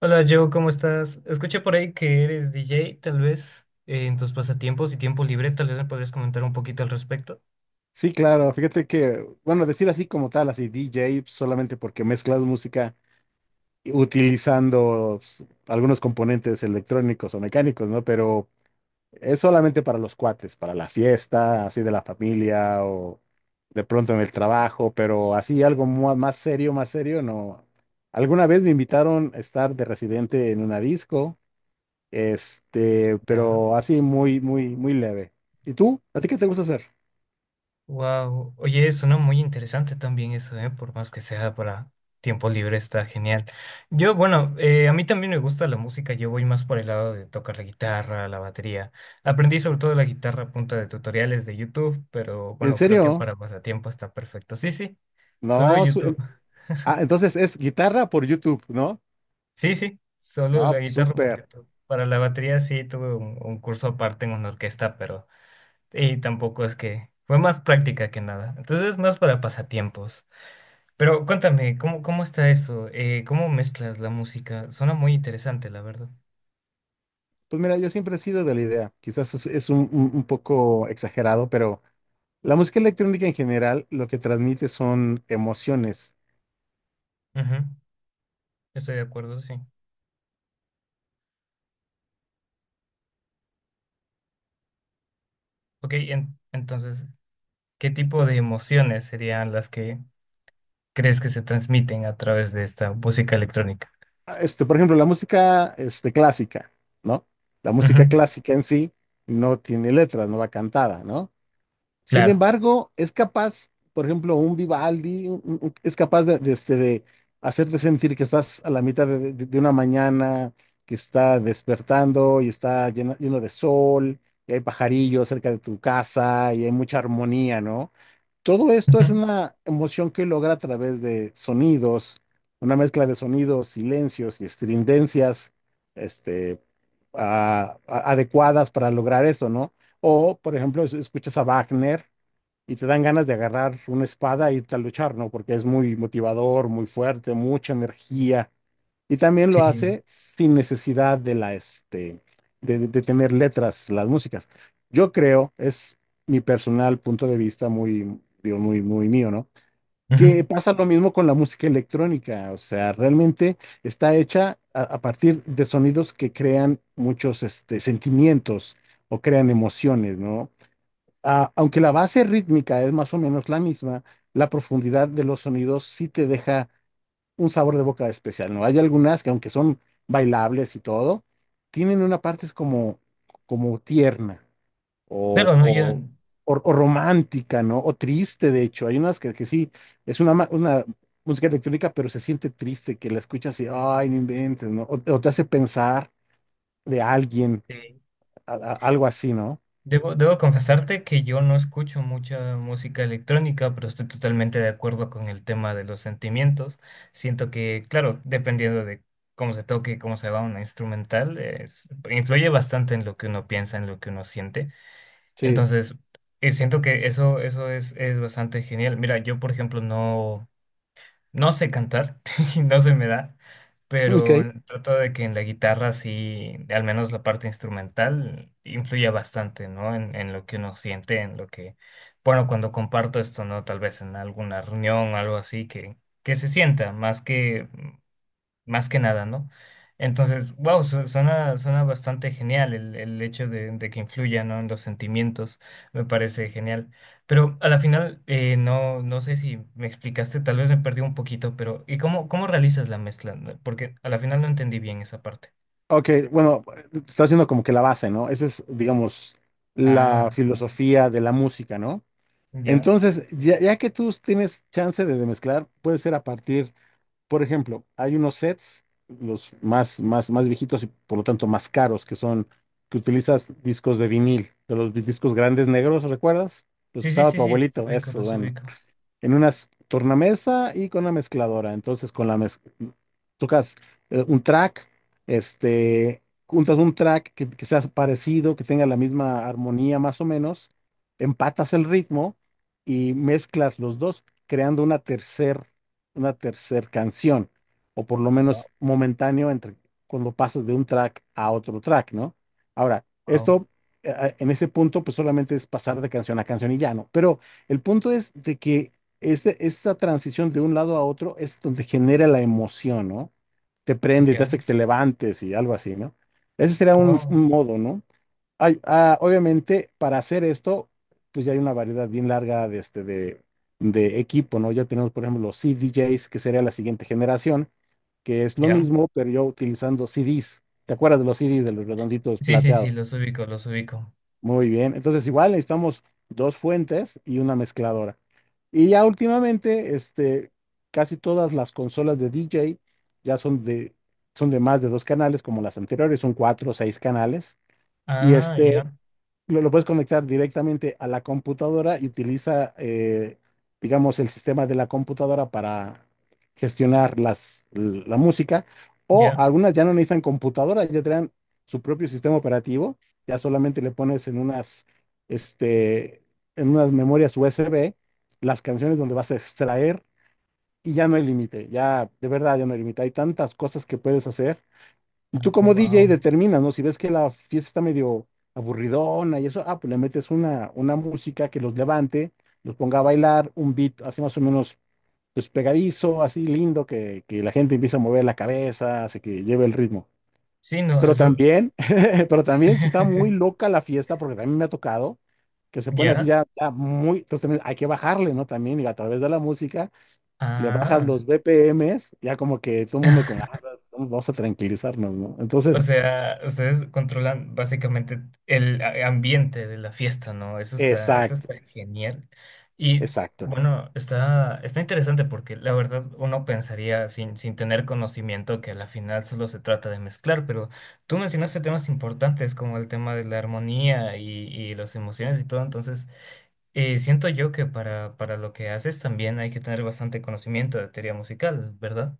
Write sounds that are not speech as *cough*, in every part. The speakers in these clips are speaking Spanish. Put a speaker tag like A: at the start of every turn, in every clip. A: Hola Joe, ¿cómo estás? Escuché por ahí que eres DJ, tal vez, en tus pasatiempos y tiempo libre, tal vez me podrías comentar un poquito al respecto.
B: Sí, claro, fíjate que, bueno, decir así como tal, así DJ, solamente porque mezclas música utilizando algunos componentes electrónicos o mecánicos, ¿no? Pero es solamente para los cuates, para la fiesta, así de la familia o de pronto en el trabajo, pero así algo más serio, no. Alguna vez me invitaron a estar de residente en una disco,
A: Ya.
B: pero así muy, muy, muy leve. ¿Y tú? ¿A ti qué te gusta hacer?
A: Wow. Oye, suena muy interesante también eso, ¿eh? Por más que sea para tiempo libre, está genial. Yo, bueno, a mí también me gusta la música, yo voy más por el lado de tocar la guitarra, la batería. Aprendí sobre todo la guitarra a punta de tutoriales de YouTube, pero
B: ¿En
A: bueno, creo que
B: serio?
A: para pasatiempo está perfecto. Sí, sí, solo
B: No,
A: YouTube.
B: ah, entonces es guitarra por YouTube, ¿no?
A: Sí, sí, solo la
B: No,
A: guitarra porque
B: súper.
A: para la batería sí tuve un curso aparte en una orquesta, pero y tampoco es que fue más práctica que nada. Entonces más para pasatiempos. Pero cuéntame, ¿cómo, cómo está eso? ¿Cómo mezclas la música? Suena muy interesante, la verdad.
B: Pues mira, yo siempre he sido de la idea. Quizás es un poco exagerado, pero la música electrónica en general lo que transmite son emociones.
A: Ujú. Estoy de acuerdo, sí. Ok, entonces, ¿qué tipo de emociones serían las que crees que se transmiten a través de esta música electrónica?
B: Ah, por ejemplo, la música clásica, ¿no? La
A: Ujú.
B: música clásica en sí no tiene letras, no va cantada, ¿no? Sin
A: Claro.
B: embargo, es capaz, por ejemplo, un Vivaldi es capaz de hacerte sentir que estás a la mitad de una mañana, que está despertando y está lleno de sol, y hay pajarillos cerca de tu casa y hay mucha armonía, ¿no? Todo esto
A: Ujú.
B: es una emoción que logra a través de sonidos, una mezcla de sonidos, silencios y estridencias, este, adecuadas para lograr eso, ¿no? O, por ejemplo, escuchas a Wagner y te dan ganas de agarrar una espada e irte a luchar, ¿no? Porque es muy motivador, muy fuerte, mucha energía. Y también lo
A: Sí.
B: hace sin necesidad de la, este, de tener letras, las músicas. Yo creo, es mi personal punto de vista muy, digo, muy, muy mío, ¿no? Que
A: Ujú.
B: pasa lo mismo con la música electrónica, o sea, realmente está hecha a partir de sonidos que crean muchos sentimientos o crean emociones, ¿no? Ah, aunque la base rítmica es más o menos la misma, la profundidad de los sonidos sí te deja un sabor de boca especial, ¿no? Hay algunas que aunque son bailables y todo, tienen una parte es como tierna o,
A: Claro, no, yo...
B: o, o romántica, ¿no? O triste, de hecho. Hay unas que sí, es una música electrónica, pero se siente triste, que la escuchas y, ay, no inventes, ¿no? O te hace pensar de alguien,
A: sí.
B: algo así, ¿no?
A: Debo, debo confesarte que yo no escucho mucha música electrónica, pero estoy totalmente de acuerdo con el tema de los sentimientos. Siento que, claro, dependiendo de cómo se toque, cómo se va una instrumental, influye bastante en lo que uno piensa, en lo que uno siente.
B: Sí.
A: Entonces, siento que eso es bastante genial. Mira, yo, por ejemplo, no... No sé cantar, *laughs* no se me da, pero
B: Ok.
A: trato de que en la guitarra sí, al menos la parte instrumental, influya bastante, ¿no? En lo que uno siente, en lo que, bueno, cuando comparto esto, ¿no? Tal vez en alguna reunión o algo así, que se sienta, más que nada, ¿no? Entonces, wow, suena, suena bastante genial el hecho de que influya, ¿no? En los sentimientos, me parece genial. Pero a la final, no, no sé si me explicaste, tal vez me perdí un poquito, pero ¿y cómo, cómo realizas la mezcla? No, porque a la final no entendí bien esa parte.
B: Ok, bueno, está haciendo como que la base, ¿no? Esa es, digamos, la
A: Ah,
B: filosofía de la música, ¿no?
A: ya.
B: Entonces, ya que tú tienes chance de mezclar, puede ser a partir, por ejemplo, hay unos sets, los más, más, más viejitos y por lo tanto más caros, que son, que utilizas discos de vinil, de los discos grandes negros, ¿recuerdas? Los
A: Sí,
B: que
A: sí,
B: usaba
A: sí,
B: tu
A: sí, los
B: abuelito,
A: ubico,
B: eso,
A: los
B: bueno,
A: ubico.
B: en una tornamesa y con una mezcladora. Entonces, con la tocas un track, juntas un track que sea parecido, que tenga la misma armonía más o menos, empatas el ritmo y mezclas los dos, creando una tercer, canción, o por lo
A: Wow,
B: menos momentáneo entre cuando pasas de un track a otro track, ¿no? Ahora,
A: wow,
B: esto en ese punto, pues solamente es pasar de canción a canción y ya, ¿no? Pero el punto es de que esta transición de un lado a otro es donde genera la emoción, ¿no? Te prende, te
A: ya.
B: hace que te levantes y algo así, ¿no? Ese sería
A: Ah,
B: un,
A: wow,
B: un modo, ¿no? Hay, ah, obviamente, para hacer esto, pues ya hay una variedad bien larga de equipo, ¿no? Ya tenemos, por ejemplo, los CDJs, que sería la siguiente generación, que es lo
A: ya.
B: mismo, pero yo utilizando CDs. ¿Te acuerdas de los CDs de los redonditos
A: Sí, sí, sí,
B: plateados?
A: los ubico, los ubico.
B: Muy bien, entonces igual necesitamos dos fuentes y una mezcladora. Y ya últimamente, casi todas las consolas de DJ ya son de más de dos canales, como las anteriores, son cuatro o seis canales. Y
A: Ah, ya,
B: lo puedes conectar directamente a la computadora y utiliza, digamos, el sistema de la computadora para gestionar la música. O
A: ya.
B: algunas ya no necesitan computadora, ya traen su propio sistema operativo. Ya solamente le pones en unas, este, en unas, memorias USB las canciones donde vas a extraer y ya no hay límite. Ya, de verdad, ya no hay límite. Hay tantas cosas que puedes hacer y tú
A: Oh,
B: como DJ
A: wow.
B: determinas, ¿no? Si ves que la fiesta está medio aburridona y eso, ah, pues le metes una música que los levante, los ponga a bailar, un beat así más o menos pues pegadizo, así lindo, que la gente empieza a mover la cabeza, así que lleve el ritmo.
A: Sí, no,
B: Pero
A: eso.
B: también, *laughs* pero también si está muy
A: *laughs*
B: loca la fiesta, porque también me ha tocado, que se pone así
A: ¿Ya?
B: ya, ya muy, entonces también hay que bajarle, ¿no? También y a través de la música le bajas
A: Ah.
B: los BPMs, ya como que todo el mundo con, "Ah, vamos a tranquilizarnos, ¿no?"
A: O
B: Entonces,
A: sea, ustedes controlan básicamente ambiente de la fiesta, ¿no? Eso
B: exacto,
A: está genial. Y
B: exacto.
A: bueno, está, está interesante porque la verdad uno pensaría sin, sin tener conocimiento que a la final solo se trata de mezclar, pero tú mencionaste temas importantes como el tema de la armonía y las emociones y todo, entonces siento yo que para lo que haces también hay que tener bastante conocimiento de teoría musical, ¿verdad?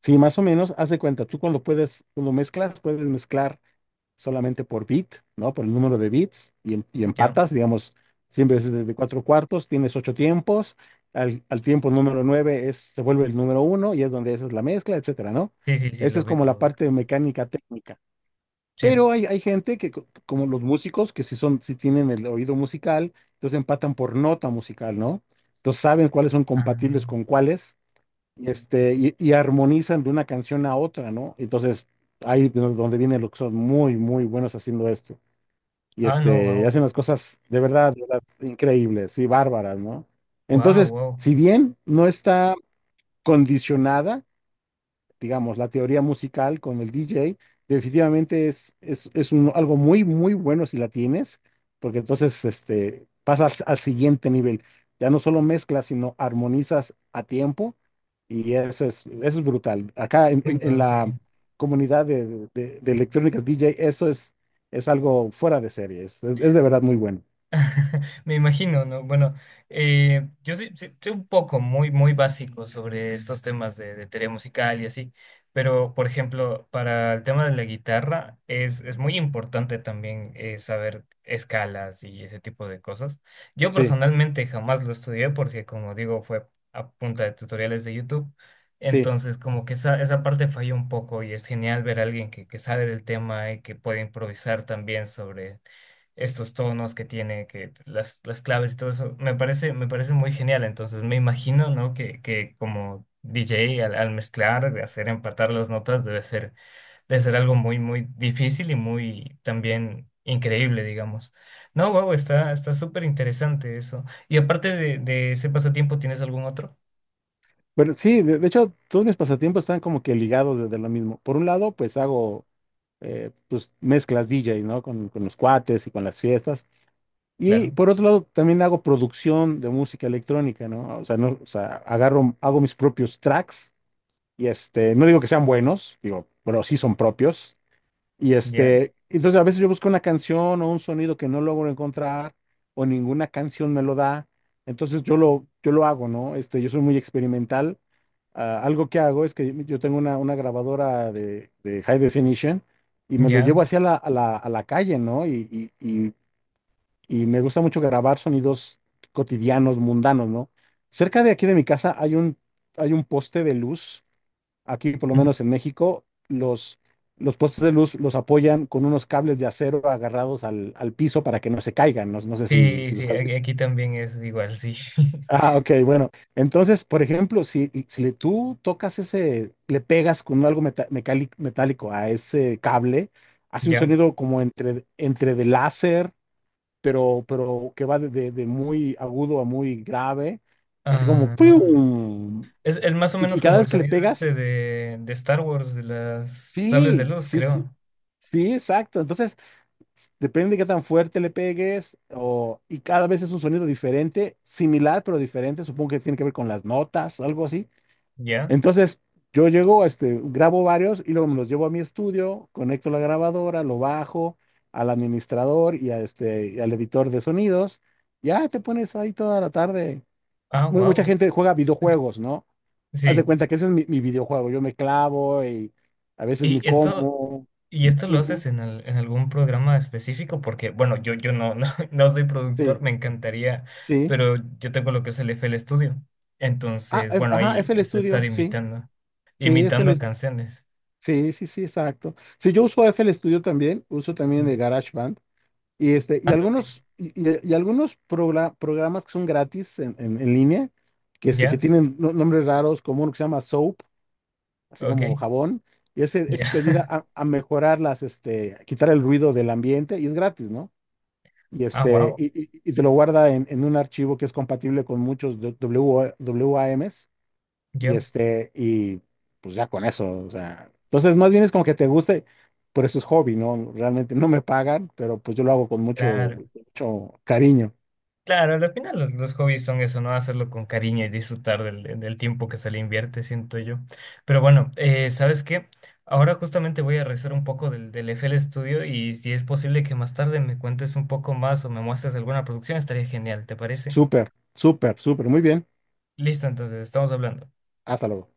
B: Sí, más o menos, haz de cuenta, tú cuando puedes, cuando mezclas, puedes mezclar solamente por bit, ¿no? Por el número de bits y, y
A: Ya.
B: empatas, digamos, siempre es de cuatro cuartos, tienes ocho tiempos, al tiempo número nueve es, se vuelve el número uno y es donde esa es la mezcla, etcétera, ¿no?
A: Sí, sí, sí,
B: Esa
A: lo
B: es
A: ubico,
B: como
A: lo
B: la
A: ubico.
B: parte de mecánica técnica.
A: Sí.
B: Pero hay gente que, como los músicos, que si son, si tienen el oído musical, entonces empatan por nota musical, ¿no? Entonces saben cuáles son
A: Ah.
B: compatibles con cuáles y armonizan de una canción a otra, ¿no? Entonces, ahí es donde vienen los que son muy, muy buenos haciendo esto. Y
A: Ah, no, wow.
B: hacen las cosas de verdad, increíbles y bárbaras, ¿no?
A: Wow,
B: Entonces,
A: wow.
B: si bien no está condicionada, digamos, la teoría musical con el DJ, definitivamente es algo muy, muy bueno si la tienes, porque entonces pasas al siguiente nivel. Ya no solo mezclas, sino armonizas a tiempo y eso es brutal. Acá en, en-
A: Uy,
B: en
A: no,
B: la
A: sí.
B: comunidad de electrónicas DJ, eso es algo fuera de serie, es de verdad muy bueno.
A: *laughs* Me imagino, ¿no? Bueno, yo soy, soy un poco muy, muy básico sobre estos temas de teoría musical y así, pero por ejemplo, para el tema de la guitarra es muy importante también saber escalas y ese tipo de cosas. Yo
B: Sí,
A: personalmente jamás lo estudié porque, como digo, fue a punta de tutoriales de YouTube,
B: sí.
A: entonces como que esa parte falló un poco y es genial ver a alguien que sabe del tema y que puede improvisar también sobre estos tonos que tiene, que las claves y todo eso, me parece muy genial. Entonces me imagino, ¿no? Que como DJ al, al mezclar, de hacer empatar las notas debe ser algo muy, muy difícil y muy también increíble, digamos. No, wow, está, está súper interesante eso. Y aparte de ese pasatiempo, ¿tienes algún otro?
B: Pero sí, de hecho, todos mis pasatiempos están como que ligados desde lo mismo. Por un lado, pues hago pues mezclas DJ, ¿no? Con los cuates y con las fiestas. Y
A: Claro,
B: por otro lado, también hago producción de música electrónica, ¿no? O sea, no, o sea, agarro, hago mis propios tracks y no digo que sean buenos, digo, pero sí son propios. Y
A: ya,
B: entonces a veces yo busco una canción o un sonido que no logro encontrar o ninguna canción me lo da. Entonces yo lo hago, ¿no? Yo soy muy experimental. Ah, algo que hago es que yo tengo una grabadora de high definition y me lo
A: ya.
B: llevo hacia a la calle, ¿no? Y, y, y me gusta mucho grabar sonidos cotidianos, mundanos, ¿no? Cerca de aquí de mi casa hay un poste de luz, aquí por lo
A: Ujú.
B: menos en México, los postes de luz los apoyan con unos cables de acero agarrados al piso para que no se caigan. No, no sé si,
A: Sí,
B: si los
A: sí,
B: has
A: aquí,
B: visto.
A: aquí también es igual, sí. *laughs*
B: Ah, ok, bueno. Entonces, por ejemplo, si tú tocas ese, le pegas con algo metálico a ese cable, hace un
A: Ya.
B: sonido como entre de láser, pero que va de muy agudo a muy grave, así como
A: Ah.
B: ¡pium!
A: Es más o
B: Y
A: menos
B: cada
A: como el
B: vez que le
A: sonido
B: pegas,
A: este de Star Wars, de las sables de
B: sí,
A: luz,
B: sí, sí,
A: creo.
B: sí, exacto. Entonces, depende de qué tan fuerte le pegues o, y cada vez es un sonido diferente, similar pero diferente. Supongo que tiene que ver con las notas o algo así.
A: ¿Ya?
B: Entonces, yo llego, grabo varios y luego me los llevo a mi estudio, conecto la grabadora, lo bajo al administrador y al editor de sonidos. Ya te pones ahí toda la tarde.
A: Ah,
B: Mucha
A: wow.
B: gente juega videojuegos, ¿no? Haz de
A: Sí.
B: cuenta que ese es mi videojuego. Yo me clavo y a veces ni
A: Y esto,
B: como.
A: y esto lo haces
B: Ujú,
A: en, en algún programa específico, porque, bueno, yo no, no, *laughs* no soy productor,
B: sí,
A: me encantaría,
B: sí.
A: pero yo tengo lo que es el F FL Studio.
B: Ah,
A: Entonces, bueno,
B: ajá,
A: ahí
B: FL
A: es estar
B: Studio, sí.
A: imitando,
B: Sí,
A: imitando canciones.
B: sí, sí, sí, exacto. Sí, yo uso F FL Studio también, uso también el GarageBand y y
A: Ah, también.
B: algunos y algunos programas que son gratis en línea que
A: ¿Ya?
B: tienen nombres raros, como uno que se llama Soap, así como
A: Ok.
B: jabón, y ese
A: Ya.
B: ese te ayuda
A: *laughs*
B: a mejorar las este a quitar el ruido del ambiente y es gratis, ¿no? Y
A: Ah,
B: este
A: wow.
B: y, y- y te lo guarda en un archivo que es compatible con muchos W A WAMs. Y
A: Yo.
B: este, y pues ya con eso, o sea, entonces más bien es como que te guste, pero eso es hobby, ¿no? Realmente no me pagan, pero pues yo lo hago con mucho,
A: Claro,
B: mucho cariño.
A: claro, al final los hobbies son eso, ¿no? Hacerlo con cariño y disfrutar del, del tiempo que se le invierte, siento yo. Pero bueno, ¿sabes qué? Ahora justamente voy a revisar un poco del, del FL Studio y si es posible que más tarde me cuentes un poco más o me muestres alguna producción, estaría genial, ¿te parece?
B: Súper, súper, súper, muy bien.
A: Listo, entonces, estamos hablando.
B: Hasta luego.